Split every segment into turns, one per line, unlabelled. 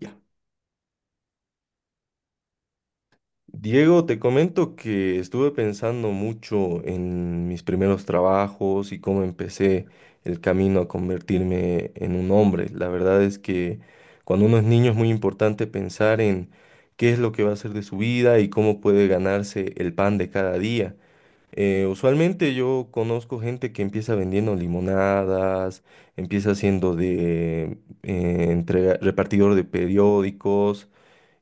Ya. Diego, te comento que estuve pensando mucho en mis primeros trabajos y cómo empecé el camino a convertirme en un hombre. La verdad es que cuando uno es niño es muy importante pensar en qué es lo que va a hacer de su vida y cómo puede ganarse el pan de cada día. Usualmente yo conozco gente que empieza vendiendo limonadas, empieza siendo de repartidor de periódicos.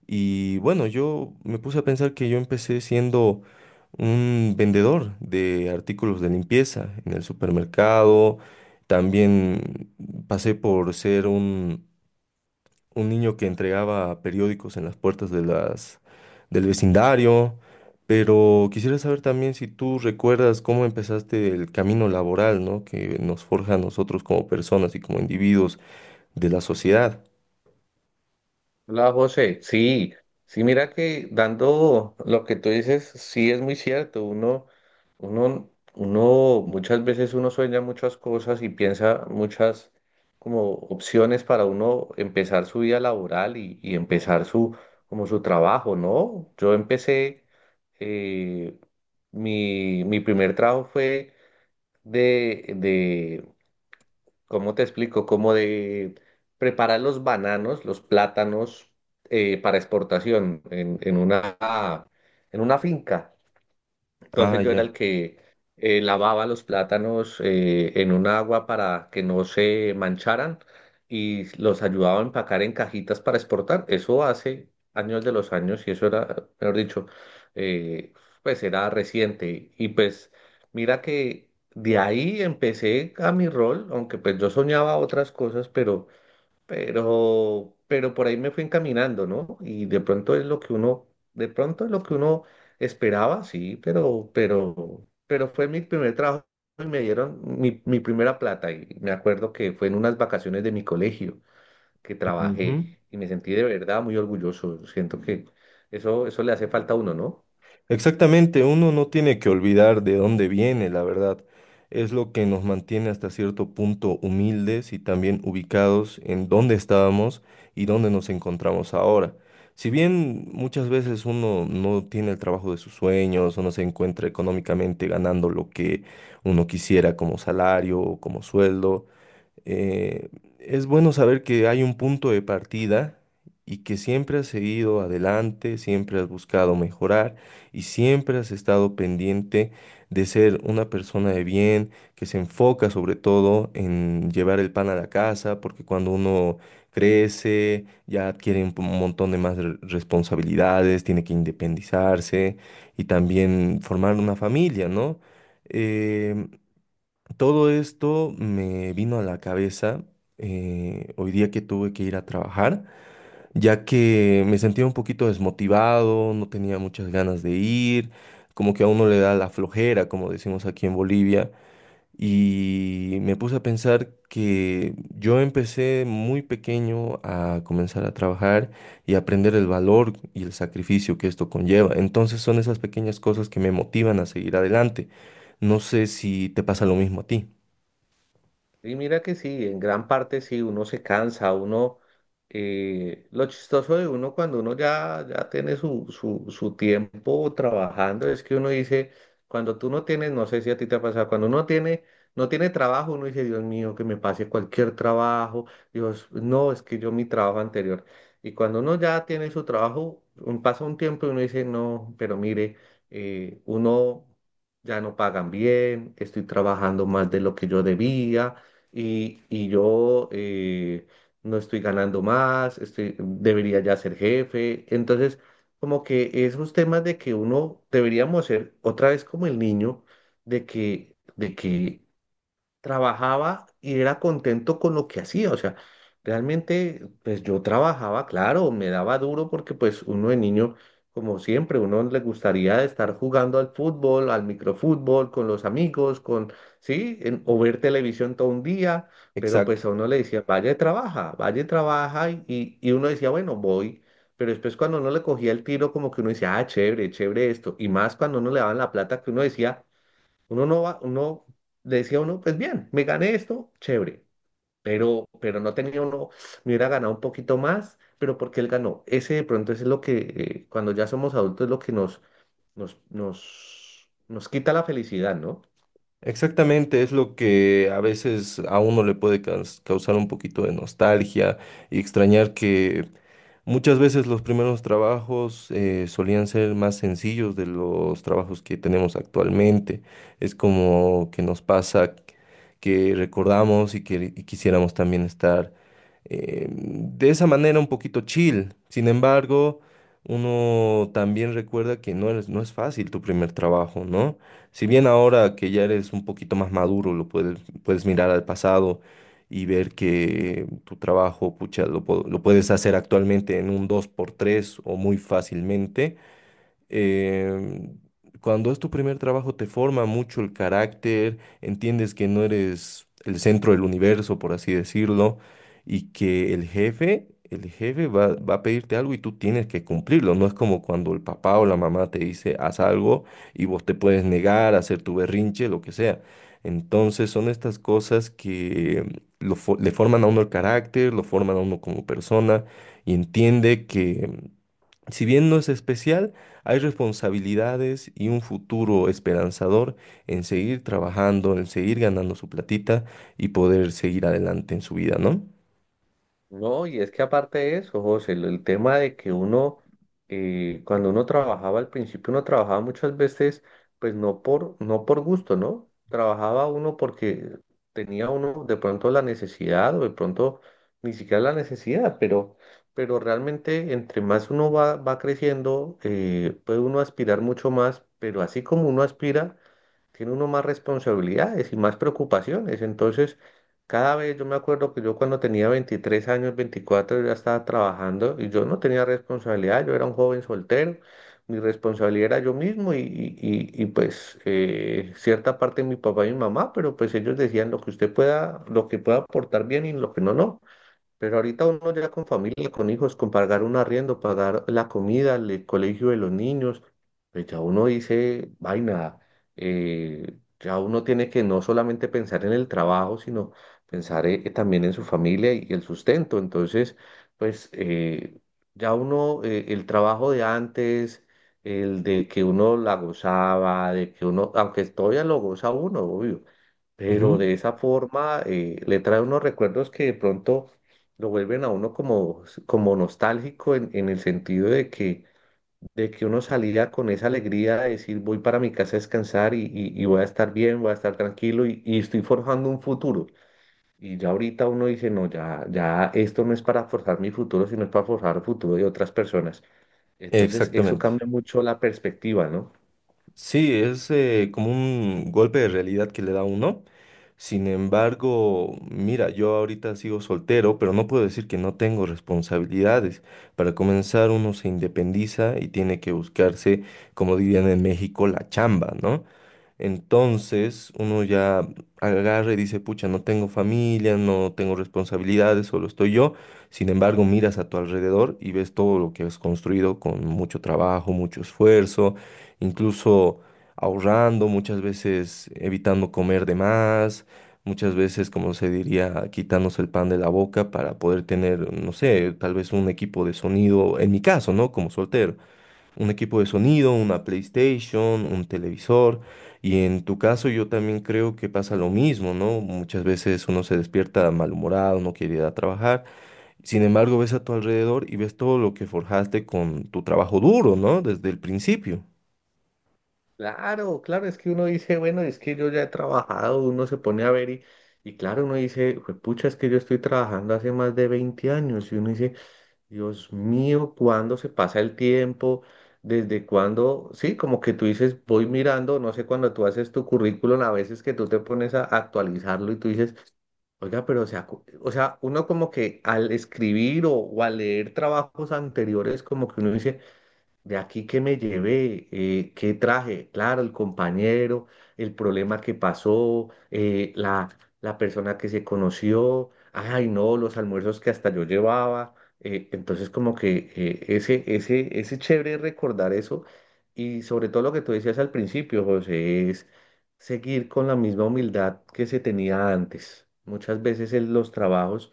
Y bueno, yo me puse a pensar que yo empecé siendo un vendedor de artículos de limpieza en el supermercado. También pasé por ser un niño que entregaba periódicos en las puertas de del vecindario. Pero quisiera saber también si tú recuerdas cómo empezaste el camino laboral, ¿no? Que nos forja a nosotros como personas y como individuos de la sociedad.
Hola José, sí, sí, mira que dando lo que tú dices, sí es muy cierto, uno, muchas veces uno sueña muchas cosas y piensa muchas como opciones para uno empezar su vida laboral y empezar su, como su trabajo, ¿no? Yo empecé, eh, mi primer trabajo fue de, ¿cómo te explico? Como de preparar los bananos, los plátanos para exportación en una, en una finca.
Ah,
Entonces yo era
ya.
el que lavaba los plátanos en un agua para que no se mancharan y los ayudaba a empacar en cajitas para exportar. Eso hace años de los años y eso era, mejor dicho, eh, pues era reciente. Y pues mira que de ahí empecé a mi rol, aunque pues yo soñaba otras cosas, pero por ahí me fui encaminando, ¿no? Y de pronto es lo que uno esperaba, sí, pero fue mi primer trabajo y me dieron mi primera plata y me acuerdo que fue en unas vacaciones de mi colegio que
Ujú.
trabajé y me sentí de verdad muy orgulloso. Siento que eso le hace falta a uno, ¿no?
Exactamente, uno no tiene que olvidar de dónde viene, la verdad. Es lo que nos mantiene hasta cierto punto humildes y también ubicados en dónde estábamos y dónde nos encontramos ahora. Si bien muchas veces uno no tiene el trabajo de sus sueños o no se encuentra económicamente ganando lo que uno quisiera como salario o como sueldo, eh, es bueno saber que hay un punto de partida y que siempre has seguido adelante, siempre has buscado mejorar y siempre has estado pendiente de ser una persona de bien, que se enfoca sobre todo en llevar el pan a la casa, porque cuando uno crece, ya adquiere un montón de más responsabilidades, tiene que independizarse y también formar una familia, ¿no? Eh, Todo esto me vino a la cabeza hoy día que tuve que ir a trabajar, ya que me sentía un poquito desmotivado, no tenía muchas ganas de ir, como que a uno le da la flojera, como decimos aquí en Bolivia, y me puse a pensar que yo empecé muy pequeño a comenzar a trabajar y aprender el valor y el sacrificio que esto conlleva. Entonces son esas pequeñas cosas que me motivan a seguir adelante. No sé si te pasa lo mismo a ti.
Y mira que sí, en gran parte sí, uno se cansa, uno, lo chistoso de uno cuando uno ya tiene su tiempo trabajando es que uno dice, cuando tú no tienes, no sé si a ti te ha pasado, no tiene trabajo, uno dice, Dios mío, que me pase cualquier trabajo, Dios, no, es que yo mi trabajo anterior. Y cuando uno ya tiene su trabajo, pasa un tiempo y uno dice, no, pero mire, uno ya no pagan bien, estoy trabajando más de lo que yo debía y yo no estoy ganando más, estoy, debería ya ser jefe. Entonces, como que esos temas de que uno deberíamos ser otra vez como el niño, de que trabajaba y era contento con lo que hacía. O sea, realmente, pues yo trabajaba, claro, me daba duro porque pues uno de niño, como siempre, uno le gustaría estar jugando al fútbol, al microfútbol, con los amigos, con, sí, o ver televisión todo un día, pero pues
Exacto,
a uno le decía, vaya y trabaja y uno decía, bueno, voy. Pero después cuando uno le cogía el tiro, como que uno decía, ah, chévere, chévere esto. Y más cuando uno le daban la plata que uno decía, uno no va, uno le decía a uno, pues bien, me gané esto, chévere, pero no tenía uno, me hubiera ganado un poquito más, pero porque él ganó. Ese de pronto es lo que, cuando ya somos adultos, es lo que nos quita la felicidad, ¿no?
exactamente, es lo que a veces a uno le puede causar un poquito de nostalgia y extrañar que muchas veces los primeros trabajos solían ser más sencillos de los trabajos que tenemos actualmente. Es como que nos pasa que recordamos y que quisiéramos también estar de esa manera un poquito chill. Sin embargo, uno también recuerda que no es fácil tu primer trabajo, ¿no? Si bien ahora que ya eres un poquito más maduro, puedes mirar al pasado y ver que tu trabajo, pucha, lo puedes hacer actualmente en un dos por tres o muy fácilmente. eh, Cuando es tu primer trabajo te forma mucho el carácter, entiendes que no eres el centro del universo, por así decirlo, y que el jefe va a pedirte algo y tú tienes que cumplirlo. No es como cuando el papá o la mamá te dice haz algo y vos te puedes negar, hacer tu berrinche, lo que sea. Entonces son estas cosas que le forman a uno el carácter, lo forman a uno como persona y entiende que si bien no es especial, hay responsabilidades y un futuro esperanzador en seguir trabajando, en seguir ganando su platita y poder seguir adelante en su vida, ¿no?
No, y es que aparte de eso, José, el tema de que uno, cuando uno trabajaba al principio, uno trabajaba muchas veces, pues no por gusto, ¿no? Trabajaba uno porque tenía uno de pronto la necesidad o de pronto ni siquiera la necesidad, pero realmente entre más uno va creciendo, puede uno aspirar mucho más, pero así como uno aspira, tiene uno más responsabilidades y más preocupaciones. Entonces, cada vez yo me acuerdo que yo cuando tenía 23 años, 24 ya estaba trabajando y yo no tenía responsabilidad, yo era un joven soltero, mi responsabilidad era yo mismo y, pues cierta parte de mi papá y mi mamá, pero pues ellos decían lo que usted pueda, lo que pueda aportar bien y lo que no, no. Pero ahorita uno ya con familia, con hijos, con pagar un arriendo, pagar la comida, el colegio de los niños, pues ya uno dice, vaina, ya uno tiene que no solamente pensar en el trabajo, sino pensar también en su familia y el sustento. Entonces, pues el trabajo de antes, el de que uno la gozaba, de que uno, aunque todavía lo goza uno, obvio, pero
Ujú.
de esa forma le trae unos recuerdos que de pronto lo vuelven a uno como, como nostálgico en el sentido de que uno salía con esa alegría de decir voy para mi casa a descansar y voy a estar bien, voy a estar tranquilo y estoy forjando un futuro. Y ya ahorita uno dice, no, ya esto no es para forjar mi futuro, sino es para forjar el futuro de otras personas. Entonces eso
Exactamente.
cambia mucho la perspectiva, ¿no?
Sí, es como un golpe de realidad que le da uno. Sin embargo, mira, yo ahorita sigo soltero, pero no puedo decir que no tengo responsabilidades. Para comenzar, uno se independiza y tiene que buscarse, como dirían en México, la chamba, ¿no? Entonces, uno ya agarra y dice, pucha, no tengo familia, no tengo responsabilidades, solo estoy yo. Sin embargo, miras a tu alrededor y ves todo lo que has construido con mucho trabajo, mucho esfuerzo, incluso ahorrando, muchas veces evitando comer de más, muchas veces, como se diría, quitándose el pan de la boca para poder tener, no sé, tal vez un equipo de sonido, en mi caso, ¿no? Como soltero, un equipo de sonido, una PlayStation, un televisor. Y en tu caso yo también creo que pasa lo mismo, ¿no? Muchas veces uno se despierta malhumorado, no quiere ir a trabajar. Sin embargo, ves a tu alrededor y ves todo lo que forjaste con tu trabajo duro, ¿no? Desde el principio.
Claro, claro, es que uno dice, bueno, es que yo ya he trabajado, uno se pone a ver y claro, uno dice, pucha, es que yo estoy trabajando hace más de 20 años y uno dice, Dios mío, cuándo se pasa el tiempo, desde cuándo, sí, como que tú dices, voy mirando, no sé, cuando tú haces tu currículum, a veces que tú te pones a actualizarlo y tú dices, oiga, pero o sea, o sea, uno como que al escribir o al leer trabajos anteriores, como que uno dice, de aquí que me llevé, qué traje, claro, el compañero, el problema que pasó, la persona que se conoció, ay no, los almuerzos que hasta yo llevaba. Entonces como que ese chévere recordar eso y sobre todo lo que tú decías al principio, José, es seguir con la misma humildad que se tenía antes. Muchas veces en los trabajos...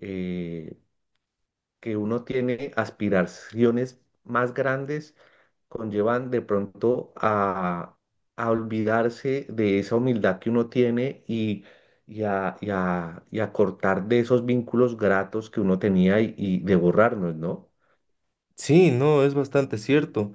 eh, que uno tiene aspiraciones más grandes conllevan de pronto a olvidarse de esa humildad que uno tiene y a cortar de esos vínculos gratos que uno tenía y de borrarnos, ¿no?
Sí, no, es bastante cierto.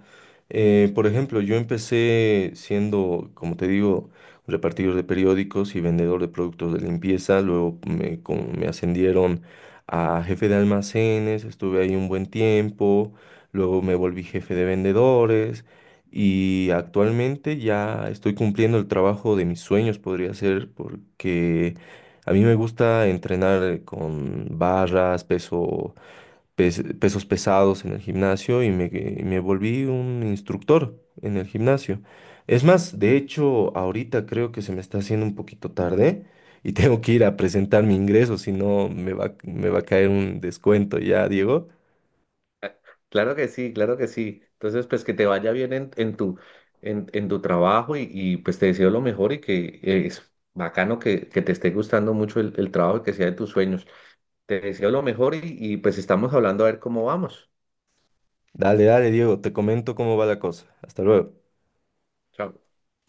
Por ejemplo, yo empecé siendo, como te digo, repartidor de periódicos y vendedor de productos de limpieza. Luego me ascendieron a jefe de almacenes, estuve ahí un buen tiempo. Luego me volví jefe de vendedores y actualmente ya estoy cumpliendo el trabajo de mis sueños, podría ser, porque a mí me gusta entrenar con barras, pesos pesados en el gimnasio y y me volví un instructor en el gimnasio. Es más, de hecho, ahorita creo que se me está haciendo un poquito tarde y tengo que ir a presentar mi ingreso, si no me va a caer un descuento ya, Diego.
Claro que sí, claro que sí. Entonces, pues que te vaya bien en tu trabajo y pues te deseo lo mejor y que es bacano que te esté gustando mucho el trabajo y que sea de tus sueños. Te deseo lo mejor y pues estamos hablando a ver cómo vamos.
Dale, dale, Diego, te comento cómo va la cosa. Hasta luego.
Chao.